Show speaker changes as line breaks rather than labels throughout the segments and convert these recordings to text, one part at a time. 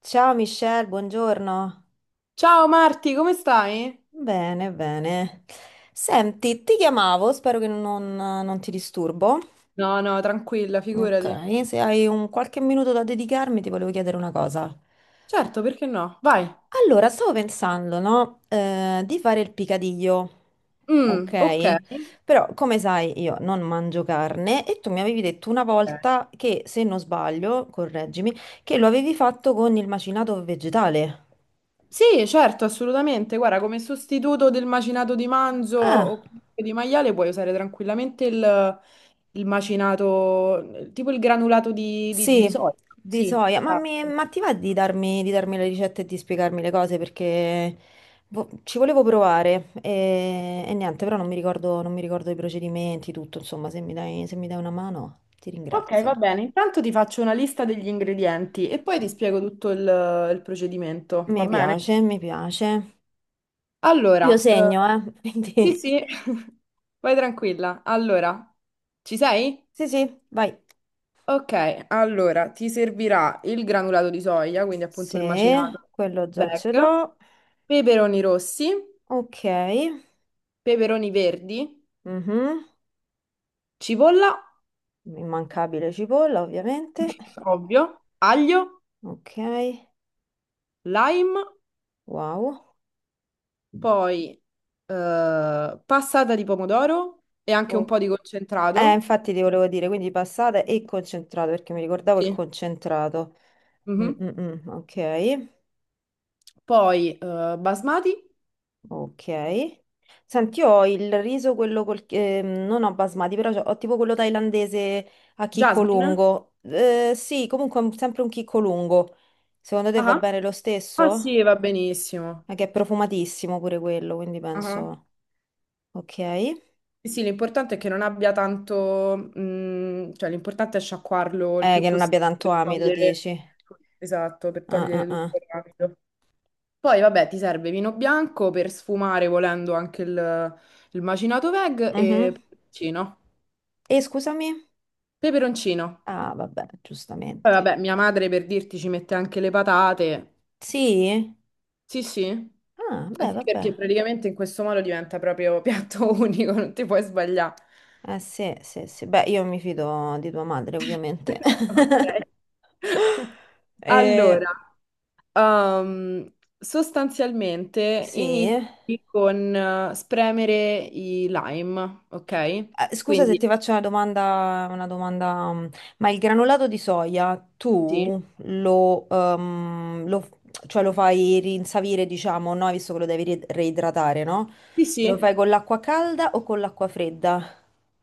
Ciao Michelle, buongiorno.
Ciao Marti, come stai?
Bene, bene. Senti, ti chiamavo, spero che non ti disturbo.
No, no, tranquilla,
Ok,
figurati.
se hai un qualche minuto da dedicarmi, ti volevo chiedere una cosa.
Certo, perché no? Vai.
Allora, stavo pensando, no, di fare il picadillo,
Mm, ok.
ok? Però, come sai, io non mangio carne e tu mi avevi detto una
Ok.
volta che, se non sbaglio, correggimi, che lo avevi fatto con il macinato vegetale.
Sì, certo, assolutamente. Guarda, come sostituto del macinato di manzo o
Ah.
comunque di maiale puoi usare tranquillamente il macinato, tipo il granulato di
Sì,
soia.
di
Sì,
soia, ma,
esatto.
ma ti va di darmi le ricette e di spiegarmi le cose perché ci volevo provare e niente, però non mi ricordo i procedimenti, tutto, insomma, se mi dai, se mi dai una mano ti
Ok, va
ringrazio.
bene. Intanto ti faccio una lista degli ingredienti e poi ti spiego tutto il procedimento,
Mi
va bene?
piace, mi piace. Io
Allora,
segno,
sì,
quindi
sì, vai tranquilla. Allora, ci sei?
sì, sì, vai.
Ok, allora ti servirà il granulato di soia, quindi
Sì,
appunto il macinato
quello già ce
bag,
l'ho.
peperoni rossi,
Ok,
peperoni verdi,
mhm.
cipolla,
Immancabile cipolla, ovviamente.
ovvio, aglio,
Ok,
lime,
wow.
poi passata di pomodoro e anche un
Oh.
po' di concentrato.
Infatti ti volevo dire, quindi passata e concentrato, perché mi ricordavo il
Sì.
concentrato. Mm,
Mhm.
mm, mm, ok,
Poi basmati,
ok. Senti, io ho il riso, quello col... non ho basmati, però ho tipo quello thailandese a chicco
jasmine.
lungo. Sì, comunque sempre un chicco lungo. Secondo te va
Ah.
bene lo
Ah sì,
stesso?
va benissimo.
Ma che è profumatissimo pure quello, quindi
Ah,
penso... Ok.
sì, sì, l'importante è che non abbia tanto, cioè l'importante è sciacquarlo il più
Che non abbia
possibile
tanto
per
amido,
togliere,
dici?
esatto, per
Ah, ah,
togliere
ah.
tutto il rapido. Poi vabbè, ti serve vino bianco per sfumare volendo anche il macinato veg e
Mhm.
peperoncino.
E scusami?
Peperoncino.
Ah, vabbè,
Poi
giustamente.
vabbè, mia madre per dirti ci mette anche le patate.
Sì?
Sì, sì.
Ah,
Eh
beh,
sì,
vabbè.
perché praticamente in questo modo diventa proprio piatto unico, non ti puoi sbagliare.
Eh sì, sì, sì. Beh, io mi fido di tua madre, ovviamente.
Ok.
Eh,
Allora, ehm, sostanzialmente
sì.
inizi con spremere i lime, ok?
Scusa se
Quindi
ti faccio una domanda, mm, ma il granulato di soia
sì,
tu lo cioè lo fai rinsavire, diciamo, no? Visto che lo devi reidratare, no?
sì,
Lo
sì.
fai con l'acqua calda o con l'acqua fredda?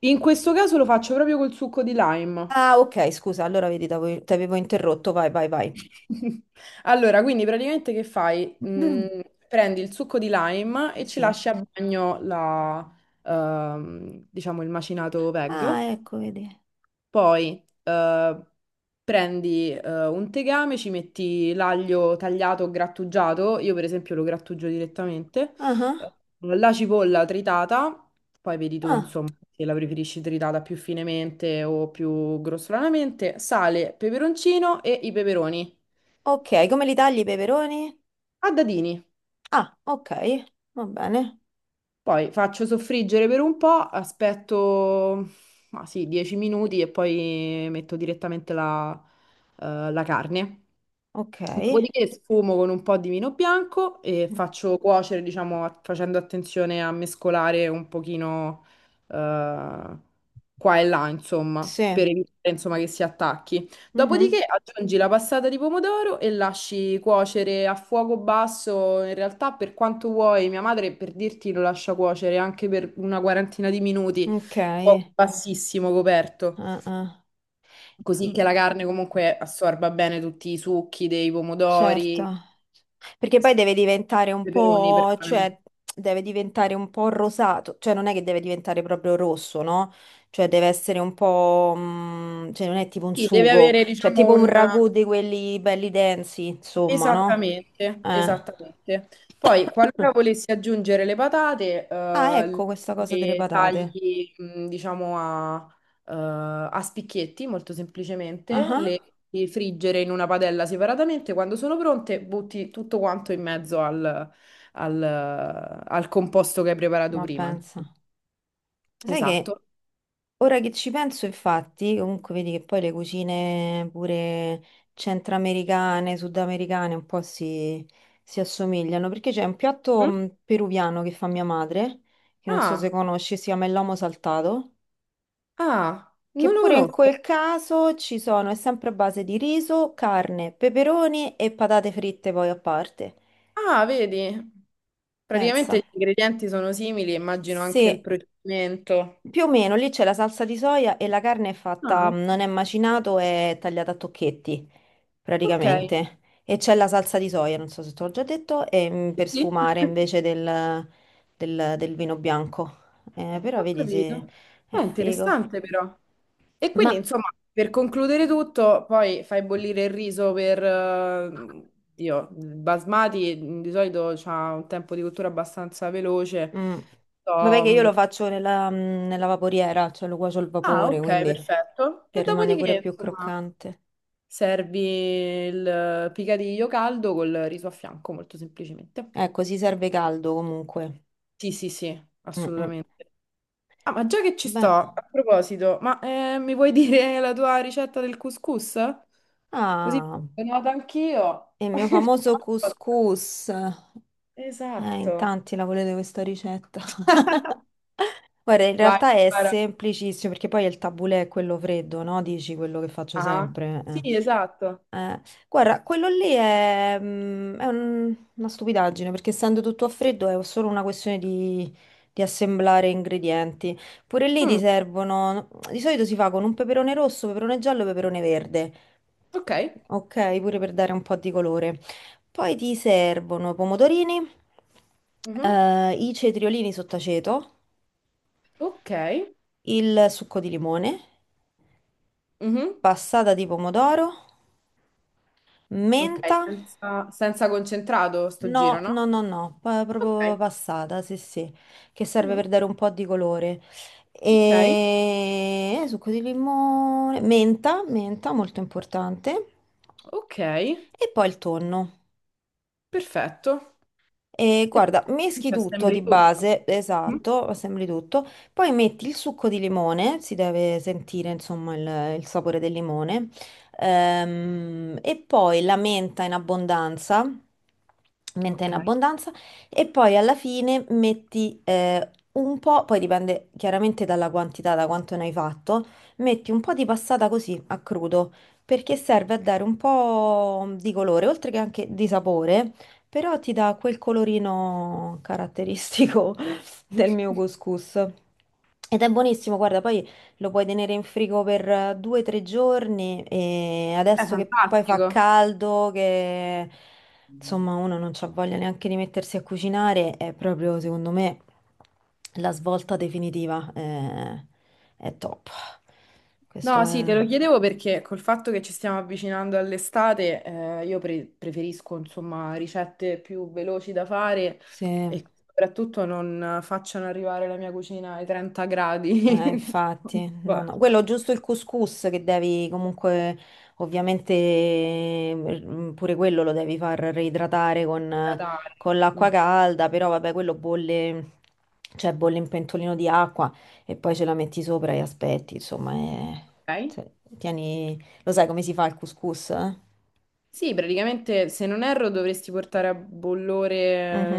In questo caso lo faccio proprio col succo di lime.
Ah, ok, scusa, allora vedi, t'avevo ti avevo interrotto, vai, vai, vai.
Allora, quindi praticamente che fai? Prendi il succo di lime e ci
Sì.
lasci a bagno diciamo, il macinato veg.
Ah, ecco, vedi.
Poi prendi un tegame, ci metti l'aglio tagliato o grattugiato, io per esempio lo grattugio direttamente,
Ah, ah,
eh, la cipolla tritata, poi vedi tu
ah.
insomma se la preferisci tritata più finemente o più grossolanamente, sale, peperoncino e i peperoni
Ok, come li tagli i peperoni?
a dadini.
Ah, ok, va bene.
Poi faccio soffriggere per un po', aspetto ma sì, 10 minuti e poi metto direttamente la carne.
Ok.
Dopodiché sfumo con un po' di vino bianco e faccio cuocere, diciamo, facendo attenzione a mescolare un pochino eh, qua e là, insomma, per
Sì.
evitare, insomma, che si attacchi.
Mhm.
Dopodiché aggiungi la passata di pomodoro e lasci cuocere a fuoco basso, in realtà per quanto vuoi, mia madre per dirti lo lascia cuocere anche per una quarantina di minuti,
Ok.
a fuoco bassissimo coperto
Ah,
così che
ah.
la carne comunque assorba bene tutti i succhi dei
Certo,
pomodori.
perché poi deve diventare un
Peperoni,
po',
perdonami.
cioè deve diventare un po' rosato, cioè non è che deve diventare proprio rosso, no? Cioè deve essere un po', mm, cioè non è tipo un
Sì, deve
sugo,
avere,
cioè
diciamo,
tipo un
un.
ragù di quelli belli densi, insomma, no?
Esattamente,
Eh.
esattamente. Poi, qualora volessi aggiungere le patate,
Ah, ecco questa cosa delle
le
patate.
tagli, diciamo, eh, a spicchietti, molto
Ah,
semplicemente, le
ah,
le friggere in una padella separatamente. Quando sono pronte, butti tutto quanto in mezzo al- al composto che hai preparato
ma
prima.
pensa. Sai che
Esatto.
ora che ci penso, infatti, comunque vedi che poi le cucine pure centroamericane, sudamericane un po' si assomigliano, perché c'è un piatto
Mm?
peruviano che fa mia madre, che non so se
Ah,
conosci, si chiama il lomo saltato,
ah,
che
non lo
pure in
conosco.
quel caso ci sono, è sempre a base di riso, carne, peperoni e patate fritte poi a parte.
Ah, vedi? Praticamente
Pensa.
gli ingredienti sono simili, immagino anche il
Sì,
procedimento.
più o meno lì c'è la salsa di soia e la carne è
Ah,
fatta, mhmm,
ok.
non è macinato, è tagliata a tocchetti.
Ok.
Praticamente. E c'è la salsa di soia, non so se te l'ho già detto, e, mm,
Sì,
per
sì.
sfumare invece del del vino bianco. Però
Ho
vedi se
capito.
è
È
figo.
interessante però. E quindi,
Ma
insomma, per concludere tutto, poi fai bollire il riso per Dio, il basmati di solito ha un tempo di cottura abbastanza veloce.
mm, vabbè
So,
che io lo faccio nella, mm, nella vaporiera, cioè lo cuocio al
ah,
vapore,
ok,
quindi
perfetto.
che
E
rimane pure
dopodiché,
più
insomma,
croccante.
servi il picadiglio caldo col riso a fianco, molto semplicemente.
Ecco, si serve caldo comunque.
Sì, sì, sì,
Mm, mm.
assolutamente. Ah, ma già che ci sto,
Beh,
a proposito, ma mi vuoi dire la tua ricetta del couscous? Così
ah,
lo noto anch'io.
e il mio famoso couscous. In
Esatto.
tanti la volete questa ricetta. Guarda, in
Vai,
realtà è
spara.
semplicissimo perché poi il tabulè è quello freddo, no? Dici quello che faccio
Ah,
sempre. Eh.
sì, esatto.
Eh, guarda, quello lì è, mm, una stupidaggine perché essendo tutto a freddo è solo una questione di assemblare ingredienti. Pure lì ti
Mm,
servono, di solito si fa con un peperone rosso, peperone giallo e peperone verde.
ok.
Ok, pure per dare un po' di colore. Poi ti servono pomodorini,
Mhm.
i cetriolini sott'aceto,
Ok.
il succo di limone,
Mhm.
passata di pomodoro,
Ok,
menta.
senza concentrato sto giro,
No,
no?
no, no, no, proprio
Ok.
passata, sì, sì, che serve
Mhm.
per dare un po' di colore.
Ok,
E succo di limone, menta, menta, molto importante.
ok,
E poi il tonno.
perfetto.
E
E
guarda,
poi
meschi tutto di
assembli tutto.
base,
Mm?
esatto, assembli tutto, poi metti il succo di limone, si deve sentire insomma il sapore del limone, e poi la menta in
Ok.
abbondanza, e poi alla fine metti un po', poi dipende chiaramente dalla quantità, da quanto ne hai fatto, metti un po' di passata così a crudo, perché serve a dare un po' di colore, oltre che anche di sapore. Però ti dà quel colorino caratteristico del mio couscous. Ed è buonissimo, guarda, poi lo puoi tenere in frigo per 2 o 3 giorni e
È
adesso che poi fa
fantastico.
caldo, che insomma uno non c'ha voglia neanche di mettersi a cucinare, è proprio secondo me la svolta definitiva, è top. Questo
No, sì,
è...
te lo chiedevo perché col fatto che ci stiamo avvicinando all'estate, io preferisco, insomma, ricette più veloci da fare
Sì.
e che soprattutto non facciano arrivare la mia cucina ai 30 gradi. Ogni
Infatti, no, no.
volta
Quello giusto il couscous che devi comunque, ovviamente, mm, pure quello lo devi far reidratare
da dare.
con l'acqua
Mm,
calda, però vabbè, quello bolle, cioè bolle in pentolino di acqua e poi ce la metti sopra e aspetti, insomma, è-
ok.
cioè, tieni... Lo sai come si fa il couscous? Eh?
Sì, praticamente, se non erro, dovresti portare a bollore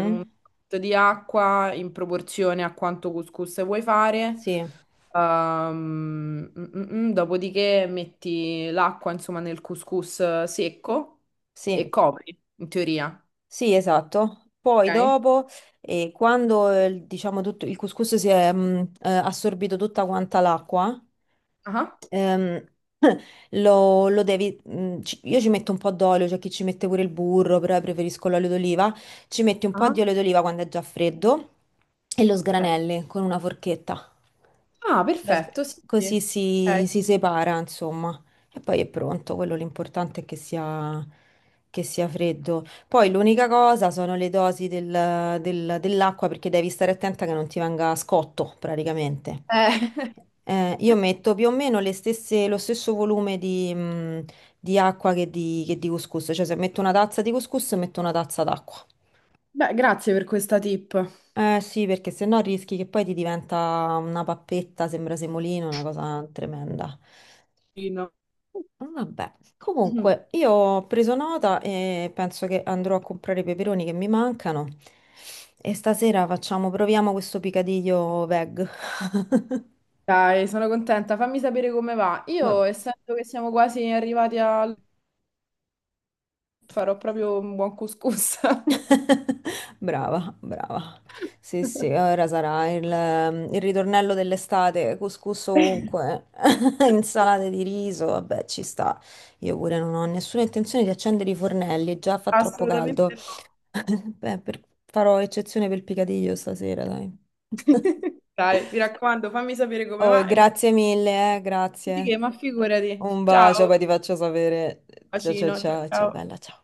un po' di acqua in proporzione a quanto couscous vuoi fare.
Sì,
Ehm, mm, mm, dopodiché metti l'acqua, insomma, nel couscous secco e
sì,
copri, in teoria.
sì, esatto. Poi
Ok?
dopo, quando diciamo tutto, il couscous si è assorbito tutta quanta l'acqua,
Ah,
ehm, lo devi, io ci metto un po' d'olio, c'è chi ci mette pure il burro, però io preferisco l'olio d'oliva. Ci metti un po' di
ah,
olio d'oliva quando è già freddo e lo
ok.
sgranelli con una forchetta.
Ah,
Lo sg-
perfetto, sì, sì.
Così
Ok.
si separa, insomma, e poi è pronto. Quello l'importante è che sia freddo. Poi l'unica cosa sono le dosi dell'acqua perché devi stare attenta che non ti venga scotto praticamente. Io metto più o meno lo stesso volume di acqua che di couscous, cioè se metto una tazza di couscous metto una tazza d'acqua.
Beh, grazie per questa tip.
Eh sì, perché se no rischi che poi ti diventa una pappetta, sembra semolino, una cosa tremenda.
Fino.
Vabbè, comunque io ho preso nota e penso che andrò a comprare i peperoni che mi mancano e stasera facciamo, proviamo questo picadiglio veg.
Dai, sono contenta. Fammi sapere come va.
Vabbè.
Io, essendo che siamo quasi arrivati farò proprio un buon couscous.
Brava, brava. Sì, sì, ora sarà il ritornello dell'estate, couscous ovunque, insalate di riso, vabbè, ci sta. Io pure non ho nessuna intenzione di accendere i fornelli, già fa troppo caldo.
Assolutamente no.
Beh, farò eccezione per il picadillo stasera, dai.
Dai, mi raccomando, fammi sapere come
Oh, e
va e magari
grazie mille, grazie.
che, ma figurati.
Un bacio,
Ciao,
poi ti faccio sapere. Ciao, ciao,
bacino, ciao
ciao, ciao,
ciao.
bella, ciao.